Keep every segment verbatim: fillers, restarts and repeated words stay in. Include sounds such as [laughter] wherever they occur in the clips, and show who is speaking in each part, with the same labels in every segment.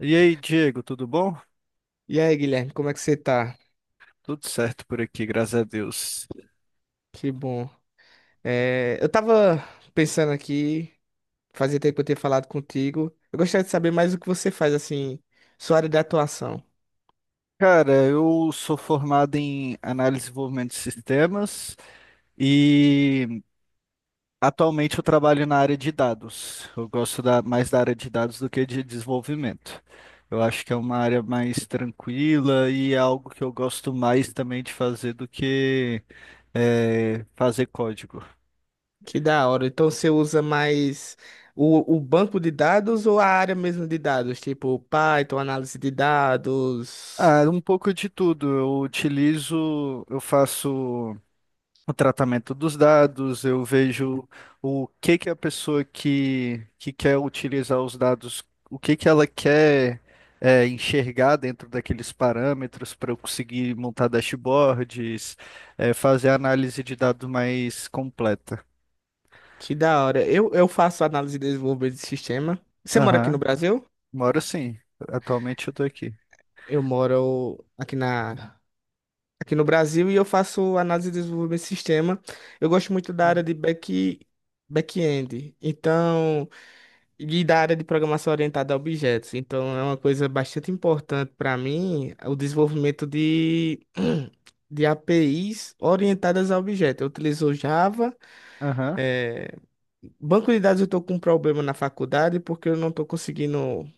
Speaker 1: E aí, Diego, tudo bom?
Speaker 2: E aí, Guilherme, como é que você tá?
Speaker 1: Tudo certo por aqui, graças a Deus.
Speaker 2: Que bom. É, eu tava pensando aqui, fazia tempo que eu tinha falado contigo. Eu gostaria de saber mais o que você faz, assim, sua área de atuação.
Speaker 1: Cara, eu sou formado em análise e desenvolvimento de sistemas e atualmente eu trabalho na área de dados. Eu gosto da- mais da área de dados do que de desenvolvimento. Eu acho que é uma área mais tranquila e é algo que eu gosto mais também de fazer do que eh, fazer código.
Speaker 2: Que da hora. Então você usa mais o, o banco de dados ou a área mesmo de dados? Tipo Python, análise de dados.
Speaker 1: Ah, um pouco de tudo. Eu utilizo, eu faço. o tratamento dos dados, eu vejo o que que a pessoa que, que quer utilizar os dados, o que que ela quer é, enxergar dentro daqueles parâmetros para eu conseguir montar dashboards, é, fazer análise de dados mais completa.
Speaker 2: Que da hora. Eu, eu faço análise de desenvolvimento de sistema. Você mora aqui no
Speaker 1: Aham,
Speaker 2: Brasil?
Speaker 1: moro sim. Atualmente eu estou aqui.
Speaker 2: Eu moro aqui na aqui no Brasil e eu faço análise de desenvolvimento de sistema. Eu gosto muito da área de back, back-end, então, e da área de programação orientada a objetos. Então, é uma coisa bastante importante para mim, o desenvolvimento de, [clears throat] de A P Is orientadas a objetos. Eu utilizo Java.
Speaker 1: Aham,
Speaker 2: é, Banco de dados eu estou com um problema na faculdade porque eu não estou conseguindo.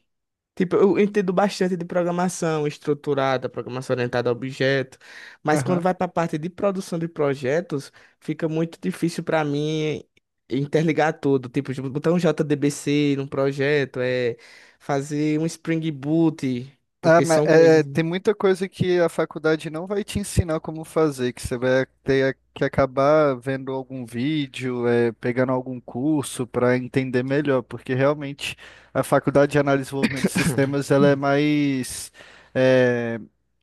Speaker 2: Tipo, eu entendo bastante de programação estruturada, programação orientada a objeto, mas quando
Speaker 1: aham.
Speaker 2: vai para a parte de produção de projetos, fica muito difícil para mim interligar tudo. Tipo, de botar um J D B C num projeto, é fazer um Spring Boot,
Speaker 1: Ah,
Speaker 2: porque
Speaker 1: mas,
Speaker 2: são
Speaker 1: é,
Speaker 2: coisas.
Speaker 1: tem muita coisa que a faculdade não vai te ensinar como fazer, que você vai ter que acabar vendo algum vídeo, é, pegando algum curso para entender melhor, porque realmente a faculdade de análise e desenvolvimento de sistemas ela é mais é,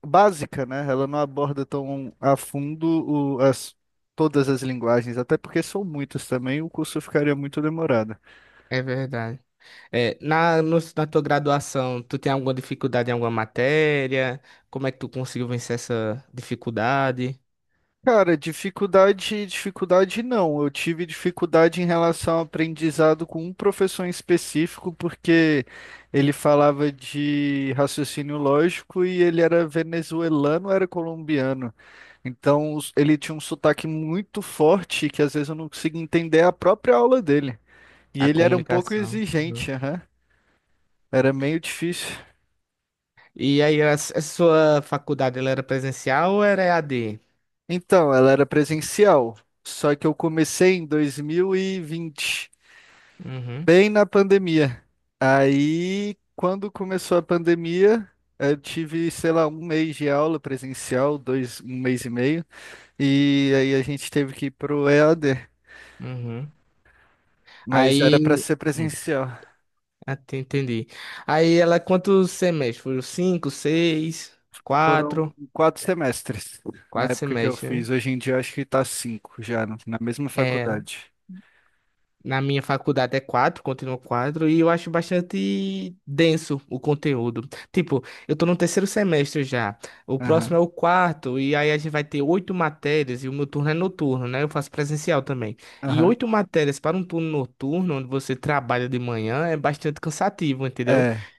Speaker 1: básica, né? Ela não aborda tão a fundo o- as- todas as linguagens, até porque são muitas também, o curso ficaria muito demorado.
Speaker 2: É verdade. É, na, no- na tua graduação, tu tem alguma dificuldade em alguma matéria? Como é que tu conseguiu vencer essa dificuldade?
Speaker 1: Cara, dificuldade, dificuldade não. Eu tive dificuldade em relação ao aprendizado com um professor em específico, porque ele falava de raciocínio lógico e ele era venezuelano, era colombiano. Então, os- ele tinha um sotaque muito forte que às vezes eu não conseguia entender a própria aula dele. E
Speaker 2: A
Speaker 1: ele era um pouco
Speaker 2: comunicação.
Speaker 1: exigente, aham. Era meio difícil.
Speaker 2: E aí, a, s- a sua faculdade, ela era presencial ou era E A D?
Speaker 1: Então, ela era presencial, só que eu comecei em dois mil e vinte.
Speaker 2: Uhum,
Speaker 1: bem na pandemia. Aí, quando começou a pandemia, eu tive, sei lá, um mês de aula presencial, dois, um mês e meio, e aí a gente teve que ir pro E A D,
Speaker 2: uhum.
Speaker 1: mas era para
Speaker 2: Aí,
Speaker 1: ser
Speaker 2: Hum,
Speaker 1: presencial.
Speaker 2: até entendi. Aí, ela, quantos semestres? Foram cinco, seis,
Speaker 1: Foram
Speaker 2: quatro?
Speaker 1: quatro semestres na
Speaker 2: Quatro
Speaker 1: época que eu
Speaker 2: semestres,
Speaker 1: fiz.
Speaker 2: né?
Speaker 1: Hoje em dia eu acho que tá cinco já, na mesma
Speaker 2: É.
Speaker 1: faculdade.
Speaker 2: Na minha faculdade é quatro, continua quatro, e eu acho bastante denso o conteúdo. Tipo, eu tô no terceiro semestre já, o
Speaker 1: Aham,
Speaker 2: próximo é o quarto, e aí a gente vai ter oito matérias, e o meu turno é noturno, né? Eu faço presencial também. E
Speaker 1: aham.
Speaker 2: oito matérias para um turno noturno, onde você trabalha de manhã, é bastante cansativo, entendeu?
Speaker 1: É,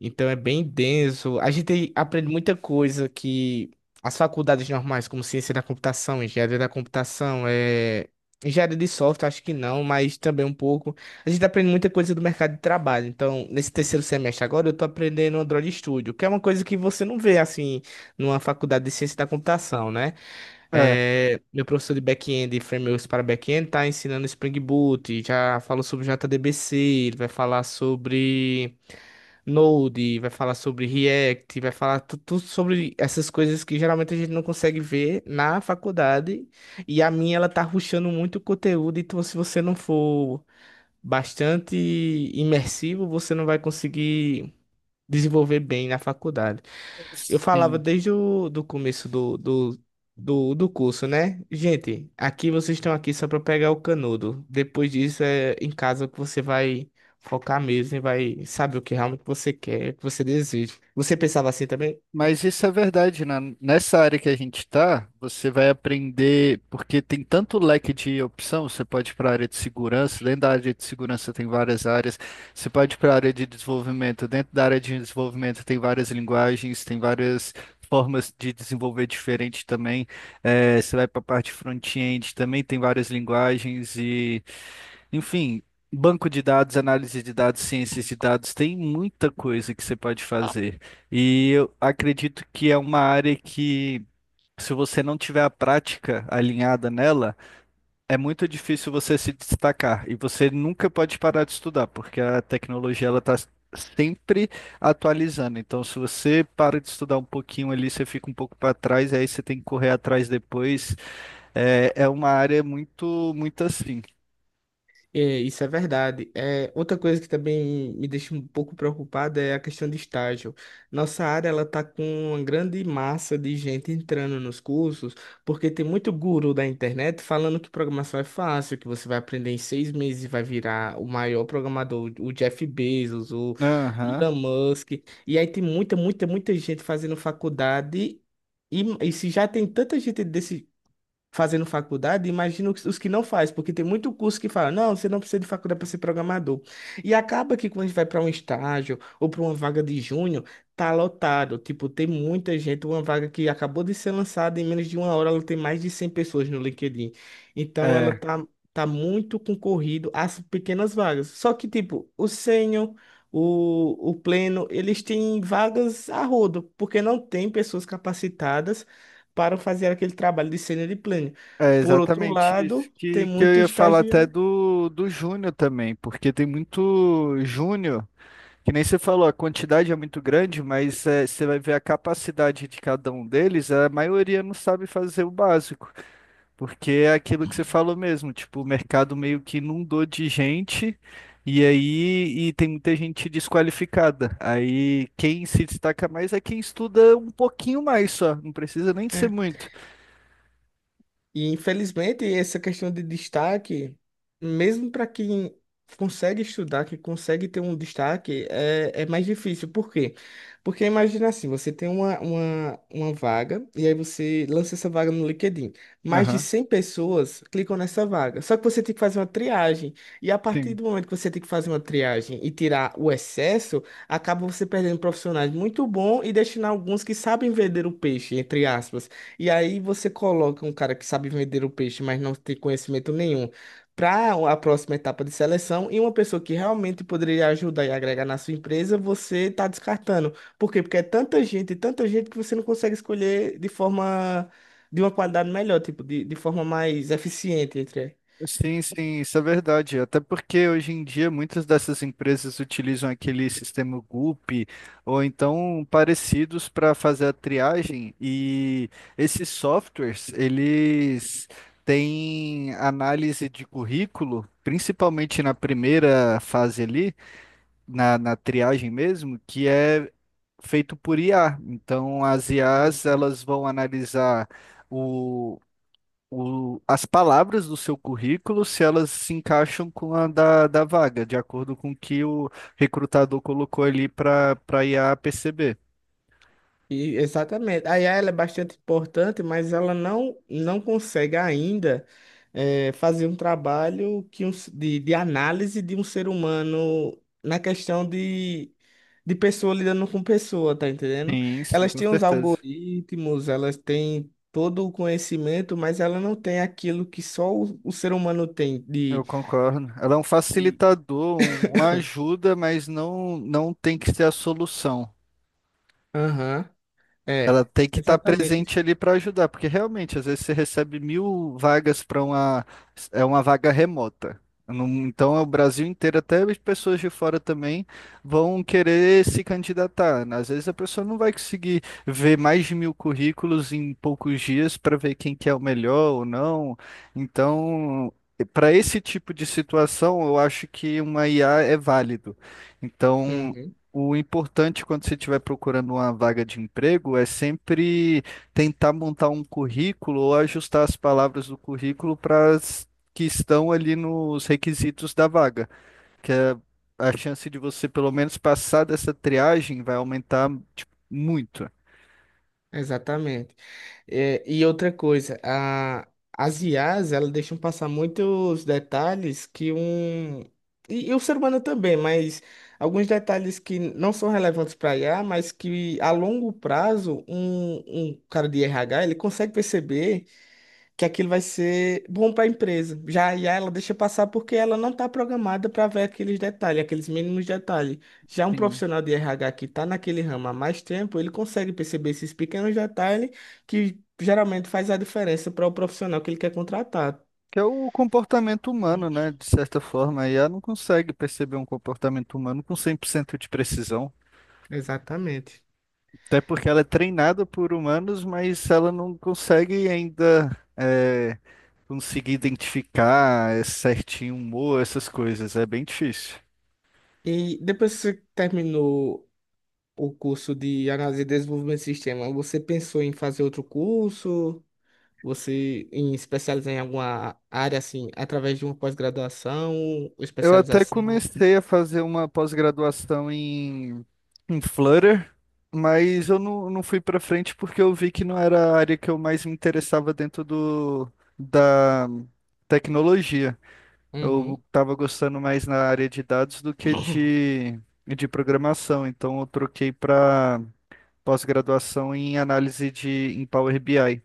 Speaker 2: Então é bem denso. A gente aprende muita coisa que as faculdades normais, como ciência da computação, engenharia da computação, é... engenharia de software, acho que não, mas também um pouco. A gente aprende muita coisa do mercado de trabalho. Então, nesse terceiro semestre agora, eu tô aprendendo Android Studio, que é uma coisa que você não vê assim numa faculdade de ciência da computação, né?
Speaker 1: é.
Speaker 2: É, Meu professor de back-end e frameworks para back-end tá ensinando Spring Boot, já falou sobre J D B C, ele vai falar sobre Node, vai falar sobre React, vai falar tu- tudo sobre essas coisas que geralmente a gente não consegue ver na faculdade. E a minha, ela tá rushando muito o conteúdo, então se você não for bastante imersivo, você não vai conseguir desenvolver bem na faculdade. Eu falava
Speaker 1: Sim.
Speaker 2: desde o do começo do, do, do, do curso, né? Gente, aqui vocês estão aqui só para pegar o canudo. Depois disso é em casa que você vai focar mesmo e vai saber o que realmente você quer, o que você deseja. Você pensava assim também?
Speaker 1: Mas isso é verdade, né? Nessa área que a gente está, você vai aprender, porque tem tanto leque de opção. Você pode ir para a área de segurança, dentro da área de segurança tem várias áreas, você pode ir para a área de desenvolvimento, dentro da área de desenvolvimento tem várias linguagens, tem várias formas de desenvolver diferente também. Eh, você vai para a parte front-end, também tem várias linguagens e enfim, banco de dados, análise de dados, ciências de dados, tem muita coisa que você pode fazer. E eu acredito que é uma área que, se você não tiver a prática alinhada nela, é muito difícil você se destacar. E você nunca pode parar de estudar, porque a tecnologia ela está sempre atualizando. Então, se você para de estudar um pouquinho ali, você fica um pouco para trás, aí você tem que correr atrás depois. É, é uma área muito, muito assim.
Speaker 2: É, isso é verdade. É, outra coisa que também me deixa um pouco preocupada é a questão de estágio. Nossa área ela tá com uma grande massa de gente entrando nos cursos, porque tem muito guru da internet falando que programação é fácil, que você vai aprender em seis meses e vai virar o maior programador, o Jeff Bezos, o
Speaker 1: Aham.
Speaker 2: Elon Musk. E aí tem muita, muita, muita gente fazendo faculdade. E, e se já tem tanta gente desse, fazendo faculdade, imagino os os que não faz, porque tem muito curso que fala, não, você não precisa de faculdade para ser programador. E acaba que quando a gente vai para um estágio ou para uma vaga de júnior, tá lotado, tipo, tem muita gente, uma vaga que acabou de ser lançada em menos de uma hora, ela tem mais de cem pessoas no LinkedIn. Então ela
Speaker 1: É.
Speaker 2: tá tá muito concorrido às pequenas vagas. Só que tipo, o sênior O, o pleno, eles têm vagas a rodo, porque não tem pessoas capacitadas para fazer aquele trabalho de cena de plano.
Speaker 1: É
Speaker 2: Por outro
Speaker 1: exatamente isso
Speaker 2: lado, tem
Speaker 1: que, que eu
Speaker 2: muito
Speaker 1: ia falar até
Speaker 2: estagiário.
Speaker 1: do, do Júnior também, porque tem muito Júnior, que nem você falou. A quantidade é muito grande, mas é, você vai ver a capacidade de cada um deles. A maioria não sabe fazer o básico, porque é aquilo que você falou mesmo, tipo, o mercado meio que inundou de gente, e aí e tem muita gente desqualificada. Aí quem se destaca mais é quem estuda um pouquinho mais só, não precisa nem de ser muito.
Speaker 2: E infelizmente essa questão de destaque, mesmo para quem consegue estudar, que consegue ter um destaque, é, é mais difícil. Por quê? Porque imagina assim, você tem uma, uma, uma vaga e aí você lança essa vaga no LinkedIn. Mais de
Speaker 1: Aham,
Speaker 2: cem pessoas clicam nessa vaga. Só que você tem que fazer uma triagem. E a partir
Speaker 1: sim.
Speaker 2: do momento que você tem que fazer uma triagem e tirar o excesso, acaba você perdendo profissionais muito bons e deixando alguns que sabem vender o peixe, entre aspas. E aí você coloca um cara que sabe vender o peixe, mas não tem conhecimento nenhum, para a próxima etapa de seleção, e uma pessoa que realmente poderia ajudar e agregar na sua empresa, você está descartando. Por quê? Porque é tanta gente, tanta gente que você não consegue escolher de forma, de uma qualidade melhor, tipo, de, de forma mais eficiente, entre.
Speaker 1: Sim, sim, isso é verdade. Até porque hoje em dia muitas dessas empresas utilizam aquele sistema Gulp ou então parecidos para fazer a triagem e esses softwares, eles têm análise de currículo, principalmente na primeira fase ali, na, na triagem mesmo, que é feito por I A. Então as I As, elas vão analisar o o- as palavras do seu currículo, se elas se encaixam com a da, da vaga, de acordo com o que o recrutador colocou ali para para I a perceber.
Speaker 2: E, exatamente. A I A ela é bastante importante, mas ela não, não consegue ainda eh, fazer um trabalho que um, s- de, de análise de um ser humano na questão de, de pessoa lidando com pessoa, tá entendendo?
Speaker 1: Sim, sim,
Speaker 2: Elas
Speaker 1: com
Speaker 2: têm os
Speaker 1: certeza.
Speaker 2: algoritmos, elas têm todo o conhecimento, mas ela não tem aquilo que só o, o ser humano tem
Speaker 1: Eu
Speaker 2: de...
Speaker 1: concordo. Ela é um
Speaker 2: de-
Speaker 1: facilitador, um- uma ajuda, mas não, não tem que ser a solução.
Speaker 2: Aham,
Speaker 1: Ela
Speaker 2: é.
Speaker 1: tem que estar
Speaker 2: Exatamente.
Speaker 1: presente ali para ajudar, porque realmente, às vezes você recebe mil vagas para uma, é uma vaga remota. Não- Então, é o Brasil inteiro, até as pessoas de fora também vão querer se candidatar, né? Às vezes a pessoa não vai conseguir ver mais de mil currículos em poucos dias para ver quem que é o melhor ou não. Então, para esse tipo de situação, eu acho que uma I A é válido. Então,
Speaker 2: Uhum,
Speaker 1: o importante quando você estiver procurando uma vaga de emprego é sempre tentar montar um currículo ou ajustar as palavras do currículo para as que estão ali nos requisitos da vaga, que é a chance de você pelo menos passar dessa triagem vai aumentar tipo, muito.
Speaker 2: exatamente. É, e outra coisa, a, as I As, elas deixam passar muitos detalhes que um. E, e o ser humano também, mas alguns detalhes que não são relevantes para I a mas que a longo prazo, um, um cara de R H, ele consegue perceber que aquilo vai ser bom para a empresa. Já a ela deixa passar porque ela não está programada para ver aqueles detalhes, aqueles mínimos detalhes. Já um
Speaker 1: Sim.
Speaker 2: profissional de R H que está naquele ramo há mais tempo, ele consegue perceber esses pequenos detalhes que geralmente faz a diferença para o profissional que ele quer contratar.
Speaker 1: Que é o comportamento humano, né? De certa forma, a I A não consegue perceber um comportamento humano com cem por cento de precisão.
Speaker 2: Exatamente.
Speaker 1: Até porque ela é treinada por humanos, mas ela não consegue ainda é, conseguir identificar é, certinho humor, essas coisas. É bem difícil.
Speaker 2: E depois que você terminou o curso de análise e desenvolvimento de sistema, você pensou em fazer outro curso? Você em especializar em alguma área assim, através de uma pós-graduação ou
Speaker 1: Eu até
Speaker 2: especialização?
Speaker 1: comecei a fazer uma pós-graduação em, em Flutter, mas eu não, não fui para frente porque eu vi que não era a área que eu mais me interessava dentro do, da tecnologia.
Speaker 2: Uhum.
Speaker 1: Eu estava gostando mais na área de dados do que
Speaker 2: [coughs]
Speaker 1: de, de programação, então eu troquei para pós-graduação em análise de em Power B I.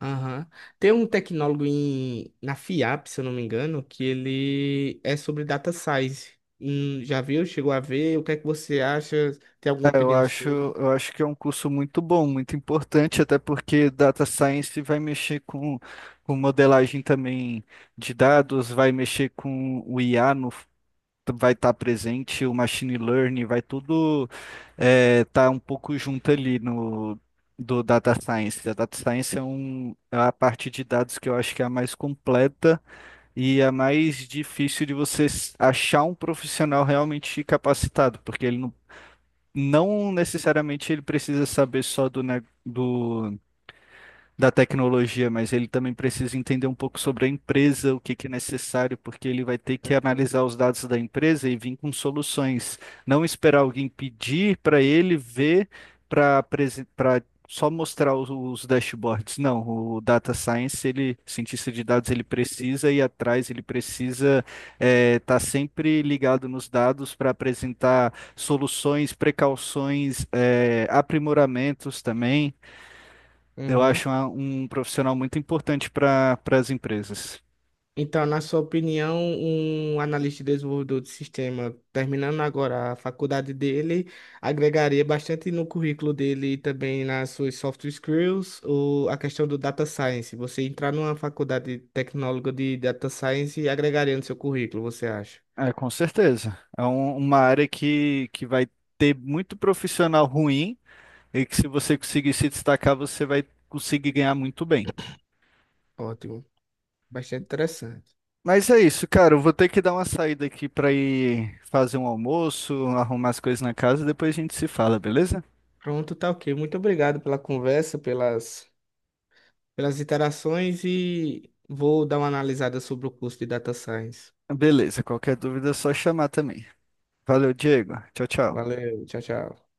Speaker 2: Aham. Tem um tecnólogo em, na FIAP, se eu não me engano, que ele é sobre data science. Hum, já viu? Chegou a ver? O que é que você acha? Tem alguma
Speaker 1: É, Eu
Speaker 2: opinião
Speaker 1: acho,
Speaker 2: sobre?
Speaker 1: eu acho que é um curso muito bom, muito importante, até porque Data Science vai mexer com, com modelagem também de dados, vai mexer com o I A no vai estar presente, o machine learning, vai tudo estar um pouco junto ali no do data science. A data science é, um, é a parte de dados que eu acho que é a mais completa e é a mais difícil de você s- achar um profissional realmente capacitado, porque ele não, não necessariamente ele precisa saber só do, ne- do da tecnologia, mas ele também precisa entender um pouco sobre a empresa, o que que é necessário, porque ele vai ter que
Speaker 2: Uhum.
Speaker 1: analisar os dados da empresa e vir com soluções. Não esperar alguém pedir para ele ver para para só mostrar os, os dashboards. Não, o data science, ele, cientista de dados, ele precisa ir atrás, ele precisa estar sempre ligado nos dados para apresentar soluções, precauções, eh, aprimoramentos também. Eu
Speaker 2: Uhum.
Speaker 1: acho uma- um profissional muito importante para para as empresas.
Speaker 2: Então, na sua opinião, um analista e desenvolvedor de sistema, terminando agora a faculdade dele, agregaria bastante no currículo dele e também nas suas soft skills, ou a questão do data science. Você entrar numa faculdade tecnóloga de data science e agregaria no seu currículo, você acha?
Speaker 1: É, com certeza. É um- uma área que, que vai ter muito profissional ruim e que se você conseguir se destacar, você vai conseguir ganhar muito bem.
Speaker 2: Ótimo, bastante interessante.
Speaker 1: Mas é isso, cara. Eu vou ter que dar uma saída aqui para ir fazer um almoço, arrumar as coisas na casa e depois a gente se fala, beleza?
Speaker 2: Pronto, tá ok. Muito obrigado pela conversa, pelas, pelas interações e vou dar uma analisada sobre o curso de data science.
Speaker 1: Beleza. Qualquer dúvida é só chamar também. Valeu, Diego. Tchau, tchau.
Speaker 2: Valeu, tchau, tchau.